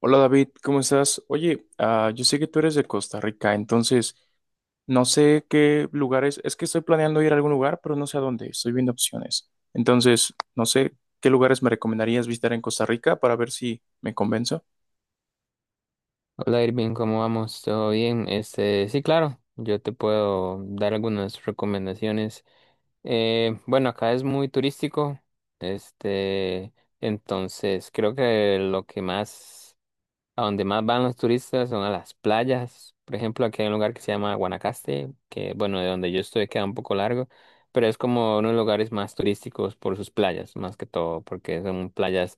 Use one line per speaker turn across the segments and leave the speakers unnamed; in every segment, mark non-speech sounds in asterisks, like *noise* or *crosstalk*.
Hola David, ¿cómo estás? Oye, yo sé que tú eres de Costa Rica, entonces no sé qué lugares, es que estoy planeando ir a algún lugar, pero no sé a dónde, estoy viendo opciones. Entonces, no sé qué lugares me recomendarías visitar en Costa Rica para ver si me convenzo.
Hola Irving, ¿cómo vamos? ¿Todo bien? Sí, claro, yo te puedo dar algunas recomendaciones. Bueno, acá es muy turístico, este, entonces creo que lo que más a donde más van los turistas son a las playas. Por ejemplo, aquí hay un lugar que se llama Guanacaste, que bueno, de donde yo estoy queda un poco largo, pero es como uno de los lugares más turísticos por sus playas, más que todo, porque son playas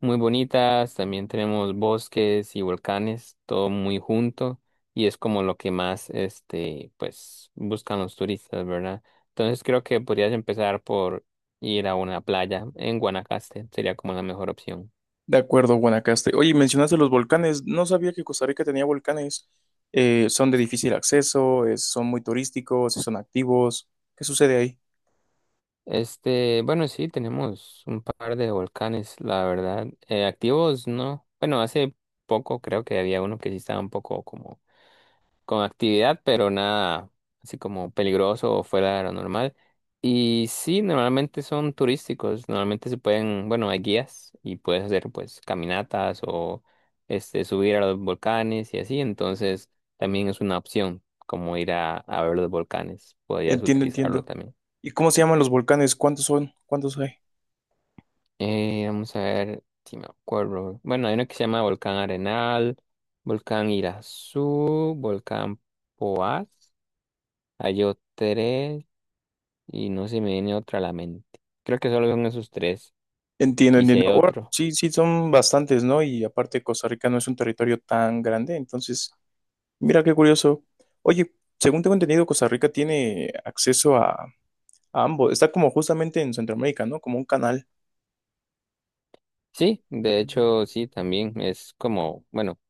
muy bonitas. También tenemos bosques y volcanes, todo muy junto, y es como lo que más, pues, buscan los turistas, ¿verdad? Entonces creo que podrías empezar por ir a una playa en Guanacaste, sería como la mejor opción.
De acuerdo, Guanacaste. Oye, mencionaste los volcanes, no sabía que Costa Rica tenía volcanes. Son de difícil acceso, son muy turísticos, son activos. ¿Qué sucede ahí?
Bueno, sí, tenemos un par de volcanes, la verdad. Activos, no. Bueno, hace poco creo que había uno que sí estaba un poco como con actividad, pero nada así como peligroso o fuera de lo normal. Y sí, normalmente son turísticos, normalmente se pueden, bueno, hay guías y puedes hacer pues caminatas o subir a los volcanes y así, entonces también es una opción como ir a ver los volcanes, podrías
Entiendo,
utilizarlo
entiendo.
también.
¿Y cómo se llaman los volcanes? ¿Cuántos son? ¿Cuántos hay?
Vamos a ver si me acuerdo. Bueno, hay uno que se llama Volcán Arenal, Volcán Irazú, Volcán Poás. Hay tres y no se me viene otra a la mente. Creo que solo son esos tres.
Entiendo,
Y si
entiendo.
hay
Ahora,
otro.
sí, sí, son bastantes, ¿no? Y aparte, Costa Rica no es un territorio tan grande, entonces, mira qué curioso. Oye, según tengo entendido, Costa Rica tiene acceso a ambos. Está como justamente en Centroamérica, ¿no? Como un canal.
Sí, de hecho, sí, también es como, bueno,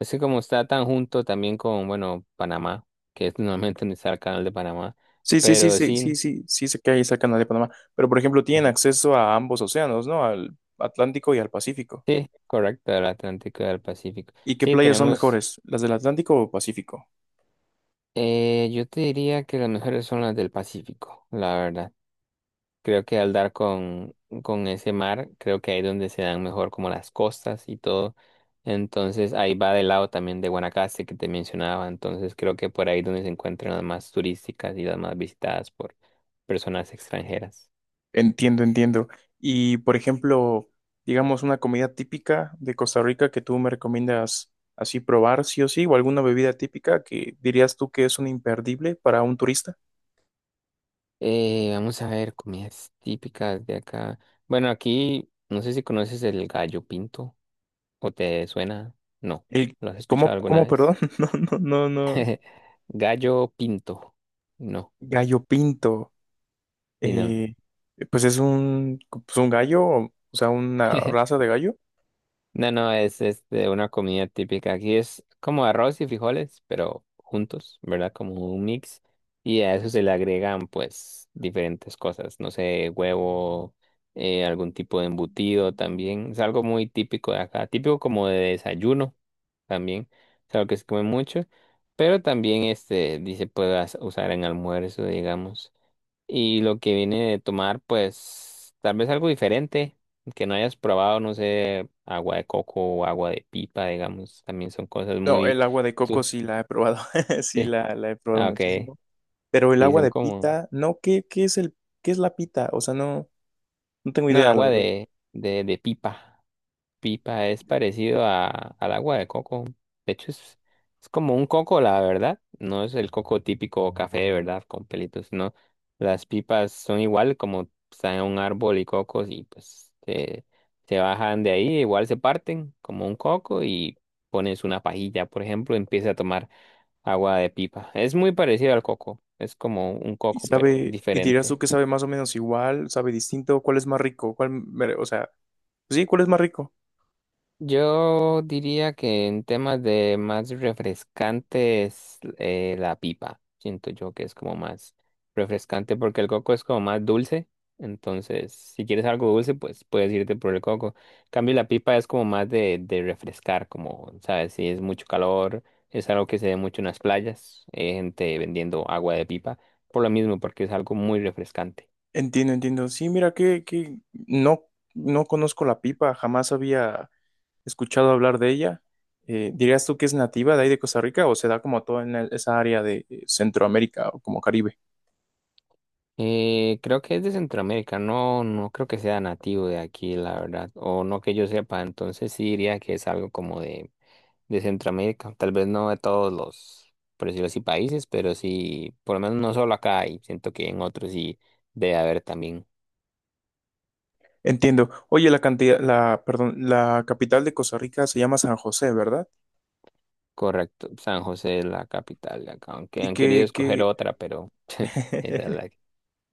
es que como está tan junto también con, bueno, Panamá, que es *laughs* normalmente donde está el canal de Panamá.
Sí, sí, sí,
Pero
sí,
sí,
sí, sí, sí, sé que ahí está el canal de Panamá. Pero, por ejemplo, tienen
ajá,
acceso a ambos océanos, ¿no? Al Atlántico y al Pacífico.
sí, correcto, el Atlántico y el Pacífico.
¿Y qué
Sí,
playas son
tenemos.
mejores, las del Atlántico o Pacífico?
Yo te diría que las mejores son las del Pacífico, la verdad. Creo que al dar con ese mar, creo que ahí es donde se dan mejor como las costas y todo. Entonces ahí va del lado también de Guanacaste que te mencionaba. Entonces creo que por ahí es donde se encuentran las más turísticas y las más visitadas por personas extranjeras.
Entiendo, entiendo. Y por ejemplo, digamos una comida típica de Costa Rica que tú me recomiendas así probar, sí o sí, o alguna bebida típica que dirías tú que es un imperdible para un turista.
Vamos a ver comidas típicas de acá. Bueno, aquí no sé si conoces el gallo pinto o te suena. No,
El,
¿lo has
¿cómo,
escuchado alguna
cómo, perdón?
vez?
*laughs* No, no, no, no.
*laughs* Gallo pinto. No,
Gallo pinto.
sí, no.
Eh, pues es pues un gallo, o sea, una raza
*laughs*
de gallo.
No, no, es una comida típica. Aquí es como arroz y frijoles, pero juntos, ¿verdad? Como un mix. Y a eso se le agregan, pues, diferentes cosas. No sé, huevo, algún tipo de embutido también. Es algo muy típico de acá. Típico como de desayuno también. Es algo que se come mucho. Pero también, dice, puedas usar en almuerzo, digamos. Y lo que viene de tomar, pues tal vez algo diferente, que no hayas probado, no sé, agua de coco o agua de pipa, digamos, también son cosas
No,
muy...
el agua de
*laughs*
coco
tú-
sí la he probado, *laughs* sí
eh,
la he probado
ah, ok,
muchísimo. Pero el
sí,
agua
son
de
como...
pita, no, ¿qué es el, qué es la pita? O sea, no. No tengo
No,
idea, la
agua
verdad.
de pipa. Pipa es parecido al agua de coco. De hecho, es como un coco, la verdad. No es el coco típico café de verdad con pelitos, no. Las pipas son igual como están en un árbol y cocos y pues se bajan de ahí, igual se parten como un coco y pones una pajilla, por ejemplo, y empieza a tomar agua de pipa. Es muy parecido al coco. Es como un
¿Y
coco, pero
sabe, y dirías tú
diferente.
que sabe más o menos igual, sabe distinto? ¿Cuál es más rico? O sea, sí, ¿cuál es más rico?
Yo diría que en temas de más refrescantes, la pipa. Siento yo que es como más refrescante porque el coco es como más dulce. Entonces, si quieres algo dulce, pues puedes irte por el coco. En cambio, la pipa es como más de refrescar, como, ¿sabes? Si es mucho calor, es algo que se ve mucho en las playas. Hay gente vendiendo agua de pipa por lo mismo, porque es algo muy refrescante.
Entiendo, entiendo. Sí, mira que no, no conozco la pipa, jamás había escuchado hablar de ella. ¿Dirías tú que es nativa de ahí de Costa Rica o se da como toda en esa área de Centroamérica o como Caribe?
Creo que es de Centroamérica, no, no creo que sea nativo de aquí, la verdad, o no que yo sepa, entonces sí diría que es algo como de Centroamérica, tal vez no de todos los, por decirlo así, países, pero sí, por lo menos no solo acá, y siento que en otros sí debe haber también.
Entiendo. Oye, perdón, la capital de Costa Rica se llama San José, ¿verdad?
Correcto, San José es la capital de acá, aunque
¿Y
han querido escoger
que
otra, pero *laughs* esa es la.
*laughs*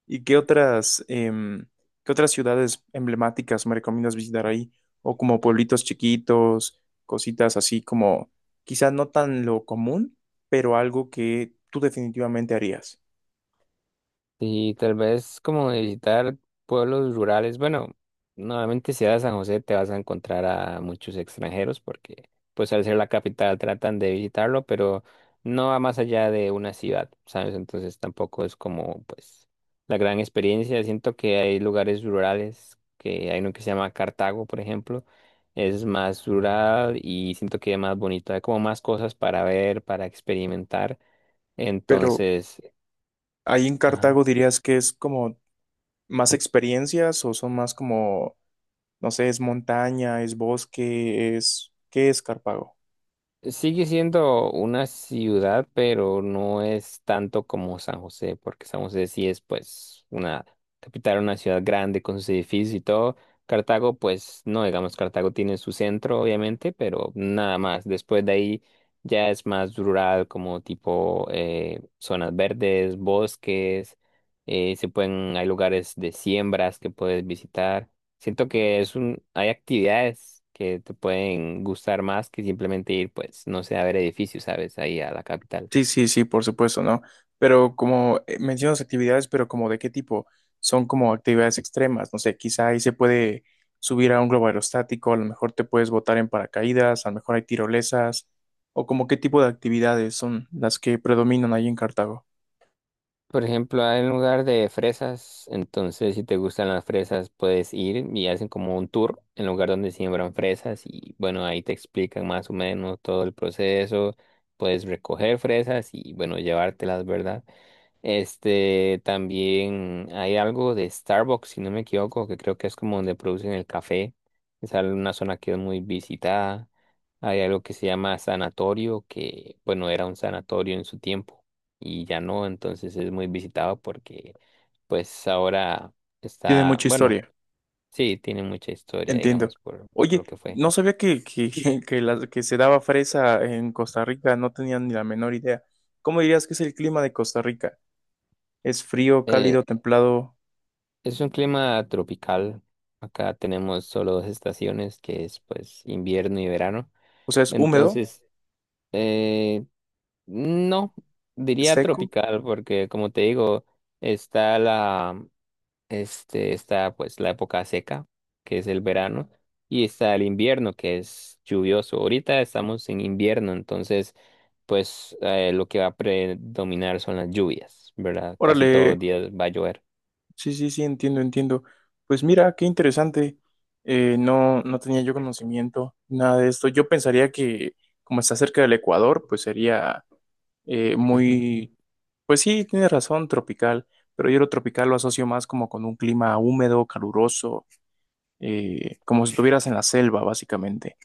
¿Y qué otras, qué otras ciudades emblemáticas me recomiendas visitar ahí? O como pueblitos chiquitos, cositas así como quizás no tan lo común, pero algo que tú definitivamente harías.
Y tal vez como visitar pueblos rurales, bueno, normalmente si vas a San José te vas a encontrar a muchos extranjeros porque pues al ser la capital tratan de visitarlo, pero no va más allá de una ciudad, ¿sabes? Entonces tampoco es como pues la gran experiencia. Siento que hay lugares rurales, que hay uno que se llama Cartago, por ejemplo, es más rural y siento que es más bonito, hay como más cosas para ver, para experimentar.
Pero
Entonces,
ahí en
ajá.
Cartago dirías que es como más experiencias o son más como, no sé, es montaña, es bosque, es, ¿qué es Cartago?
Sigue siendo una ciudad, pero no es tanto como San José, porque San José sí es pues una capital, una ciudad grande con sus edificios y todo. Cartago, pues no, digamos, Cartago tiene su centro, obviamente, pero nada más. Después de ahí ya es más rural, como tipo zonas verdes, bosques, se pueden, hay lugares de siembras que puedes visitar. Siento que es un, hay actividades que te pueden gustar más que simplemente ir, pues, no sé, a ver edificios, ¿sabes? Ahí a la capital.
Sí, sí, sí, por supuesto, ¿no? Pero como mencionas actividades, pero como de qué tipo, son como actividades extremas, no sé, quizá ahí se puede subir a un globo aerostático, a lo mejor te puedes botar en paracaídas, a lo mejor hay tirolesas, o como qué tipo de actividades son las que predominan ahí en Cartago.
Por ejemplo, hay un lugar de fresas, entonces si te gustan las fresas, puedes ir y hacen como un tour en lugar donde siembran fresas y bueno, ahí te explican más o menos todo el proceso, puedes recoger fresas y bueno, llevártelas, ¿verdad? También hay algo de Starbucks, si no me equivoco, que creo que es como donde producen el café. Es al- una zona que es muy visitada. Hay algo que se llama sanatorio, que bueno, era un sanatorio en su tiempo y ya no, entonces es muy visitado porque pues ahora
Tiene
está,
mucha
bueno,
historia,
sí, tiene mucha historia,
entiendo.
digamos, por lo
Oye,
que fue.
no sabía que, *laughs* que, que se daba fresa en Costa Rica, no tenía ni la menor idea. ¿Cómo dirías que es el clima de Costa Rica? ¿Es frío,
Eh,
cálido, templado?
es un clima tropical. Acá tenemos solo dos estaciones, que es pues invierno y verano.
O sea, ¿es húmedo?
Entonces, eh, no, diría
Seco.
tropical, porque como te digo, está está pues la época seca, que es el verano, y está el invierno, que es lluvioso. Ahorita estamos en invierno, entonces, pues lo que va a predominar son las lluvias, ¿verdad? Casi todos los
Órale,
días va a llover.
sí, sí, sí, entiendo, entiendo. Pues mira, qué interesante. No, no tenía yo conocimiento, nada de esto. Yo pensaría que como está cerca del Ecuador, pues sería muy, pues sí, tienes razón, tropical, pero yo lo tropical lo asocio más como con un clima húmedo, caluroso, como si estuvieras en la selva, básicamente.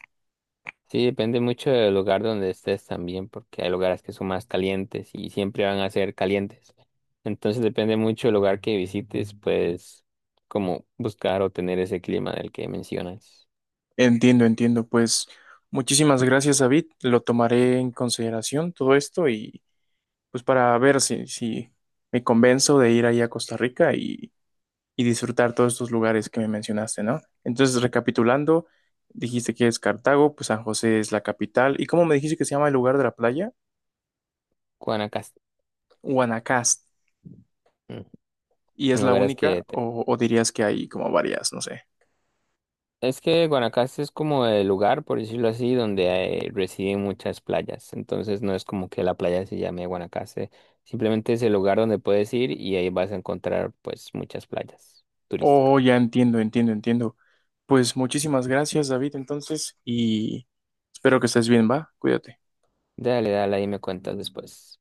Sí, depende mucho del lugar donde estés también, porque hay lugares que son más calientes y siempre van a ser calientes. Entonces depende mucho del lugar que visites, pues, como buscar o tener ese clima del que mencionas.
Entiendo, entiendo. Pues muchísimas gracias, David. Lo tomaré en consideración todo esto y pues para ver si, si me convenzo de ir ahí a Costa Rica y disfrutar todos estos lugares que me mencionaste, ¿no? Entonces, recapitulando, dijiste que es Cartago, pues San José es la capital. ¿Y cómo me dijiste que se llama el lugar de la playa?
Guanacaste.
Guanacaste.
Mm.
¿Y
Son
es la
lugares
única?
que... te-
O dirías que hay como varias? No sé.
Es que Guanacaste es como el lugar, por decirlo así, donde hay- residen muchas playas. Entonces no es como que la playa se llame Guanacaste. Simplemente es el lugar donde puedes ir y ahí vas a encontrar, pues, muchas playas turísticas.
Oh, ya entiendo, entiendo, entiendo. Pues muchísimas gracias, David, entonces, y espero que estés bien, ¿va? Cuídate.
Dale, dale, ahí me cuentas después.